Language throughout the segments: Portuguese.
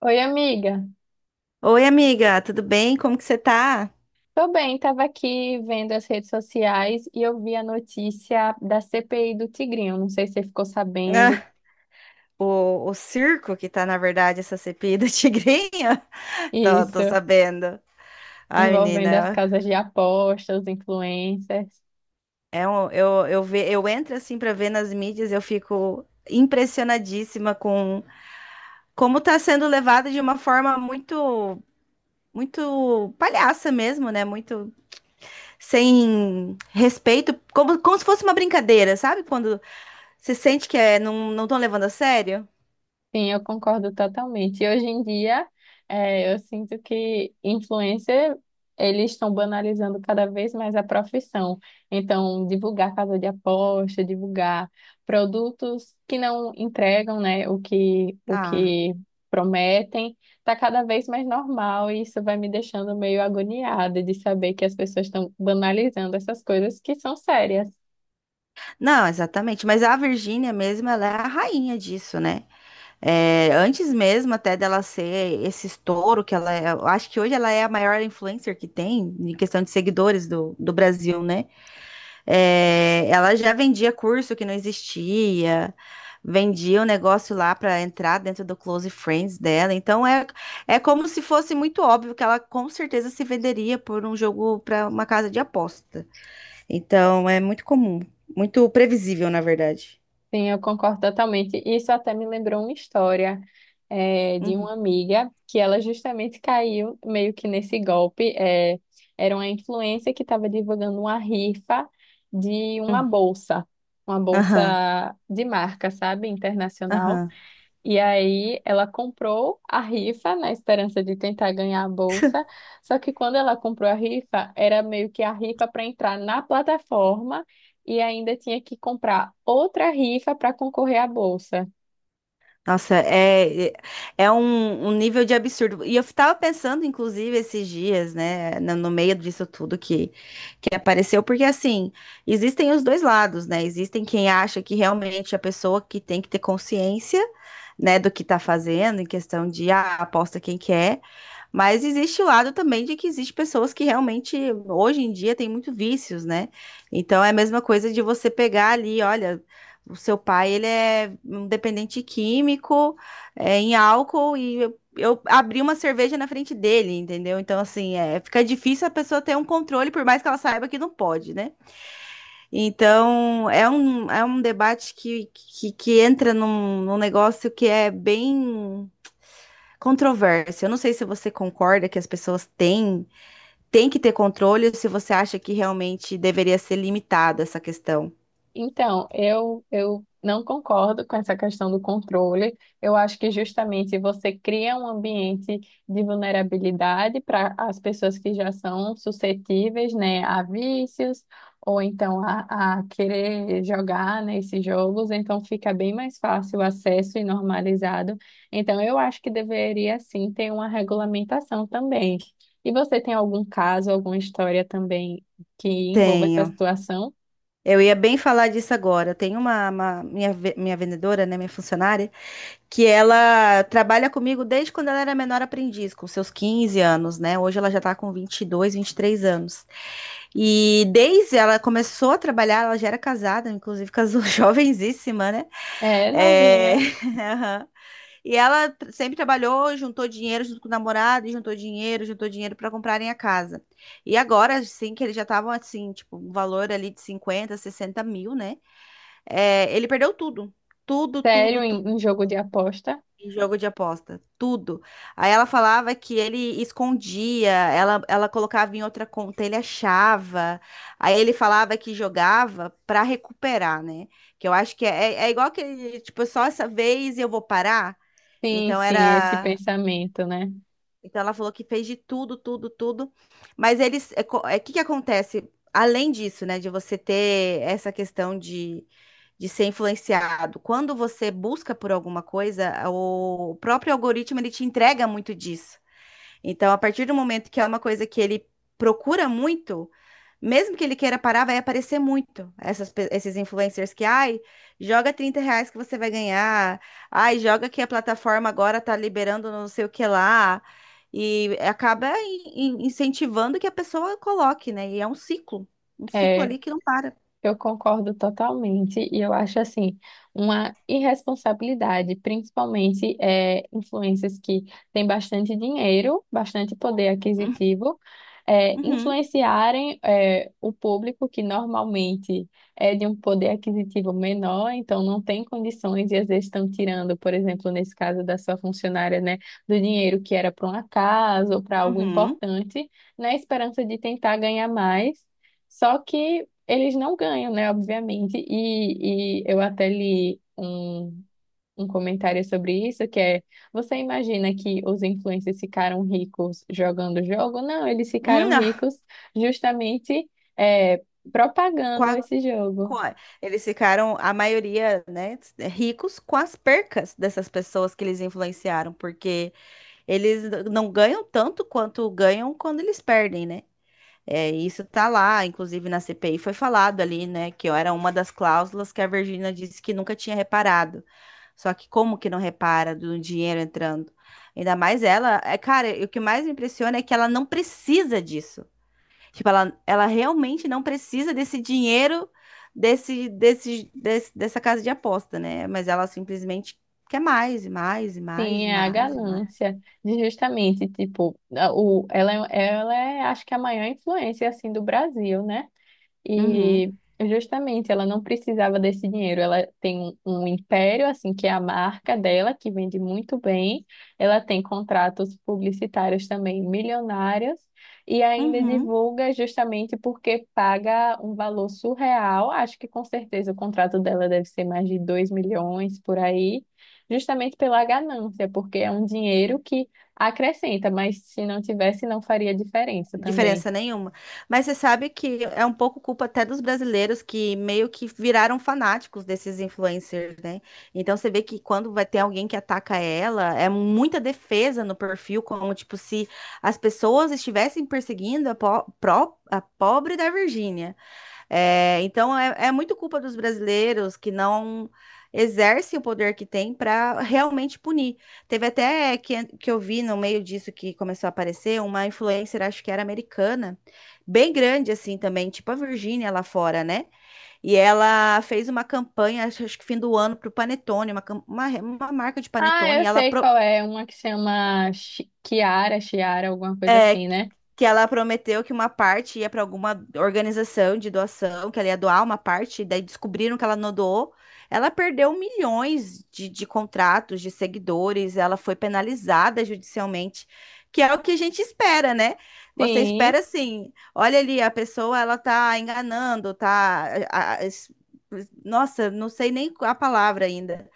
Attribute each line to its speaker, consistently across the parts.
Speaker 1: Oi, amiga.
Speaker 2: Oi, amiga, tudo bem? Como que você tá?
Speaker 1: Tô bem, tava aqui vendo as redes sociais e eu vi a notícia da CPI do Tigrinho. Não sei se você ficou sabendo
Speaker 2: Ah, o circo que tá, na verdade, essa cepida tigrinha, tô
Speaker 1: isso,
Speaker 2: sabendo. Ai,
Speaker 1: envolvendo as
Speaker 2: menina,
Speaker 1: casas de apostas, os influencers.
Speaker 2: eu entro assim pra ver nas mídias, eu fico impressionadíssima com como tá sendo levada de uma forma muito palhaça mesmo, né? Muito sem respeito, como se fosse uma brincadeira, sabe? Quando você sente não estão levando a sério.
Speaker 1: Sim, eu concordo totalmente. E hoje em dia, eu sinto que influencer, eles estão banalizando cada vez mais a profissão. Então, divulgar casa de aposta, divulgar produtos que não entregam, né, o que, o
Speaker 2: Ah.
Speaker 1: que prometem, está cada vez mais normal e isso vai me deixando meio agoniada de saber que as pessoas estão banalizando essas coisas que são sérias.
Speaker 2: Não, exatamente. Mas a Virgínia mesmo, ela é a rainha disso, né? É, antes mesmo até dela ser esse estouro que ela é, eu acho que hoje ela é a maior influencer que tem em questão de seguidores do Brasil, né? É, ela já vendia curso que não existia, vendia um negócio lá para entrar dentro do Close Friends dela. Então é como se fosse muito óbvio que ela com certeza se venderia por um jogo para uma casa de apostas. Então é muito comum, muito previsível, na verdade.
Speaker 1: Sim, eu concordo totalmente. Isso até me lembrou uma história de uma
Speaker 2: Uhum,
Speaker 1: amiga que ela justamente caiu meio que nesse golpe. Era uma influencer que estava divulgando uma rifa de
Speaker 2: uhum.
Speaker 1: uma bolsa
Speaker 2: Aham,
Speaker 1: de marca, sabe, internacional.
Speaker 2: aham.
Speaker 1: E aí ela comprou a rifa na esperança de tentar ganhar a bolsa. Só que quando ela comprou a rifa, era meio que a rifa para entrar na plataforma e ainda tinha que comprar outra rifa para concorrer à bolsa.
Speaker 2: Nossa, é um, um nível de absurdo. E eu tava pensando, inclusive, esses dias, né, no meio disso tudo que apareceu, porque assim, existem os dois lados, né? Existem quem acha que realmente a pessoa que tem que ter consciência, né, do que tá fazendo, em questão de, ah, aposta quem quer. Mas existe o lado também de que existe pessoas que realmente, hoje em dia, têm muito vícios, né? Então é a mesma coisa de você pegar ali, olha, o seu pai, ele é um dependente químico, é, em álcool, e eu abri uma cerveja na frente dele, entendeu? Então, assim, é, fica difícil a pessoa ter um controle, por mais que ela saiba que não pode, né? Então, é um debate que entra num negócio que é bem controvérsia. Eu não sei se você concorda que as pessoas têm, têm que ter controle ou se você acha que realmente deveria ser limitada essa questão.
Speaker 1: Então, eu não concordo com essa questão do controle. Eu acho que justamente você cria um ambiente de vulnerabilidade para as pessoas que já são suscetíveis, né, a vícios ou então a querer jogar nesses jogos. Então, fica bem mais fácil o acesso e normalizado. Então, eu acho que deveria sim ter uma regulamentação também. E você tem algum caso, alguma história também que envolva essa
Speaker 2: Tenho.
Speaker 1: situação?
Speaker 2: Eu ia bem falar disso agora. Eu tenho uma, minha vendedora, né, minha funcionária, que ela trabalha comigo desde quando ela era menor aprendiz, com seus 15 anos, né? Hoje ela já tá com 22, 23 anos. E desde ela começou a trabalhar, ela já era casada, inclusive casou jovenzíssima, né?
Speaker 1: É,
Speaker 2: É...
Speaker 1: novinha.
Speaker 2: E ela sempre trabalhou, juntou dinheiro junto com o namorado, e juntou dinheiro para comprarem a casa. E agora, assim, que eles já estavam assim, tipo, um valor ali de 50, 60 mil, né? É, ele perdeu tudo. Tudo, tudo,
Speaker 1: Sério
Speaker 2: tudo
Speaker 1: em, em jogo de aposta?
Speaker 2: em jogo de aposta. Tudo. Aí ela falava que ele escondia, ela colocava em outra conta, ele achava. Aí ele falava que jogava para recuperar, né? Que eu acho que é, é é igual que, tipo, só essa vez eu vou parar.
Speaker 1: Sim,
Speaker 2: Então
Speaker 1: sim, é esse
Speaker 2: era.
Speaker 1: pensamento, né?
Speaker 2: Então ela falou que fez de tudo, tudo, tudo. Mas eles, que acontece? Além disso, né, de você ter essa questão de ser influenciado, quando você busca por alguma coisa, o próprio algoritmo ele te entrega muito disso. Então, a partir do momento que é uma coisa que ele procura muito, mesmo que ele queira parar, vai aparecer muito esses influencers que, ai, joga 30 reais que você vai ganhar, ai, joga que a plataforma agora tá liberando não sei o que lá, e acaba incentivando que a pessoa coloque, né? E é um ciclo
Speaker 1: É,
Speaker 2: ali que não para.
Speaker 1: eu concordo totalmente e eu acho assim uma irresponsabilidade, principalmente influências que têm bastante dinheiro, bastante poder aquisitivo,
Speaker 2: Uhum,
Speaker 1: influenciarem o público que normalmente é de um poder aquisitivo menor, então não tem condições e às vezes estão tirando, por exemplo, nesse caso da sua funcionária, né, do dinheiro que era para uma casa ou para algo
Speaker 2: uhum.
Speaker 1: importante, na esperança de tentar ganhar mais. Só que eles não ganham, né? Obviamente. E eu até li um comentário sobre isso, que é, você imagina que os influencers ficaram ricos jogando o jogo? Não, eles ficaram
Speaker 2: Não.
Speaker 1: ricos justamente é, propagando esse
Speaker 2: com
Speaker 1: jogo.
Speaker 2: a- Eles ficaram, a maioria, né, é, ricos com as percas dessas pessoas que eles influenciaram, porque eles não ganham tanto quanto ganham quando eles perdem, né? É, isso tá lá, inclusive na CPI foi falado ali, né, que era uma das cláusulas que a Virgínia disse que nunca tinha reparado. Só que como que não repara do dinheiro entrando? Ainda mais ela, é, cara, e o que mais me impressiona é que ela não precisa disso. Tipo, ela realmente não precisa desse dinheiro dessa casa de aposta, né? Mas ela simplesmente quer mais e mais e
Speaker 1: Sim,
Speaker 2: mais e
Speaker 1: é a
Speaker 2: mais e mais.
Speaker 1: ganância de justamente, tipo, a- o, ela é, acho que a maior influência, assim, do Brasil, né?
Speaker 2: Uhum,
Speaker 1: E justamente ela não precisava desse dinheiro. Ela tem um império, assim, que é a marca dela, que vende muito bem. Ela tem contratos publicitários também milionários. E ainda
Speaker 2: uhum.
Speaker 1: divulga justamente porque paga um valor surreal. Acho que com certeza o contrato dela deve ser mais de 2 milhões por aí, justamente pela ganância, porque é um dinheiro que acrescenta, mas se não tivesse, não faria diferença também.
Speaker 2: Diferença nenhuma. Mas você sabe que é um pouco culpa até dos brasileiros que meio que viraram fanáticos desses influencers, né? Então você vê que quando vai ter alguém que ataca ela, é muita defesa no perfil, como tipo se as pessoas estivessem perseguindo a, a pobre da Virgínia. É, então é muito culpa dos brasileiros que não exercem o poder que tem para realmente punir. Teve até que eu vi no meio disso que começou a aparecer uma influencer, acho que era americana, bem grande assim também, tipo a Virgínia lá fora, né? E ela fez uma campanha, acho que fim do ano, para o Panetone, uma marca de
Speaker 1: Ah,
Speaker 2: Panetone,
Speaker 1: eu
Speaker 2: e ela
Speaker 1: sei qual é, uma que chama Chi- Chiara, Chiara, alguma coisa
Speaker 2: é,
Speaker 1: assim, né?
Speaker 2: que ela prometeu que uma parte ia para alguma organização de doação, que ela ia doar uma parte, daí descobriram que ela não doou. Ela perdeu milhões de contratos, de seguidores, ela foi penalizada judicialmente, que é o que a gente espera, né? Você
Speaker 1: Sim,
Speaker 2: espera assim, olha ali, a pessoa ela tá enganando, tá. a- a- es- Nossa, não sei nem a palavra ainda.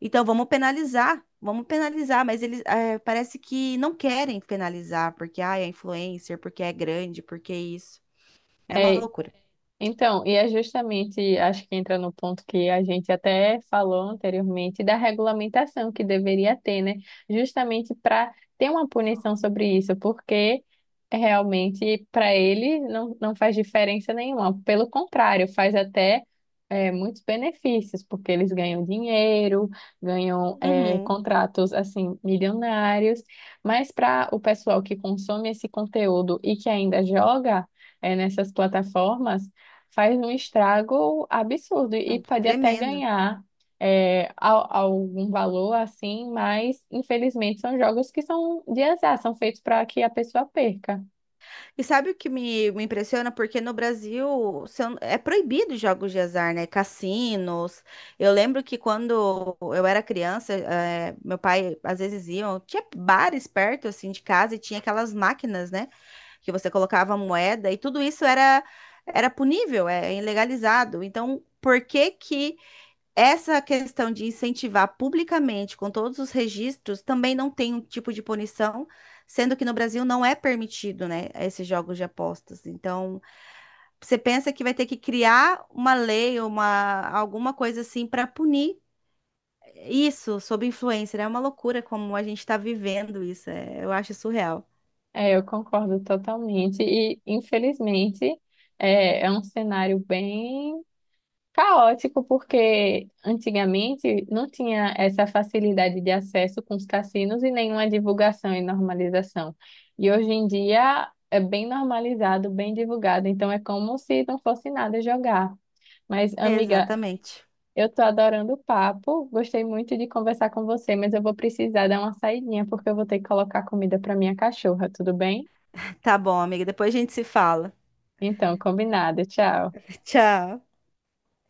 Speaker 2: Então vamos penalizar, mas eles eh, parece que não querem penalizar, porque ah, é influencer, porque é grande, porque é isso. É uma
Speaker 1: é,
Speaker 2: loucura.
Speaker 1: então, e é justamente, acho que entra no ponto que a gente até falou anteriormente, da regulamentação que deveria ter, né? Justamente para ter uma punição sobre isso, porque realmente para ele não, não faz diferença nenhuma. Pelo contrário, faz até muitos benefícios, porque eles ganham dinheiro, ganham
Speaker 2: Uhum,
Speaker 1: contratos assim milionários, mas para o pessoal que consome esse conteúdo e que ainda joga nessas plataformas faz um estrago absurdo
Speaker 2: é
Speaker 1: e pode até
Speaker 2: tremendo.
Speaker 1: ganhar é, al- algum valor assim, mas infelizmente são jogos que são de azar, são feitos para que a pessoa perca.
Speaker 2: E sabe o que me impressiona? Porque no Brasil se eu- é proibido jogos de azar, né? Cassinos. Eu lembro que quando eu era criança, eh, meu pai às vezes iam, tinha bares perto assim de casa e tinha aquelas máquinas, né? Que você colocava moeda e tudo isso era era punível, é ilegalizado. Então, por que que essa questão de incentivar publicamente, com todos os registros, também não tem um tipo de punição, sendo que no Brasil não é permitido, né, esses jogos de apostas. Então, você pensa que vai ter que criar uma lei, uma, alguma coisa assim para punir isso sob influência, né? É uma loucura como a gente está vivendo isso. Eu acho surreal.
Speaker 1: É, eu concordo totalmente e infelizmente é, é um cenário bem caótico, porque antigamente não tinha essa facilidade de acesso com os cassinos e nenhuma divulgação e normalização. E hoje em dia é bem normalizado, bem divulgado, então é como se não fosse nada jogar. Mas, amiga,
Speaker 2: Exatamente.
Speaker 1: eu tô adorando o papo, gostei muito de conversar com você, mas eu vou precisar dar uma saidinha porque eu vou ter que colocar comida para minha cachorra, tudo bem?
Speaker 2: Tá bom, amiga. Depois a gente se fala.
Speaker 1: Então, combinado, tchau.
Speaker 2: Tchau.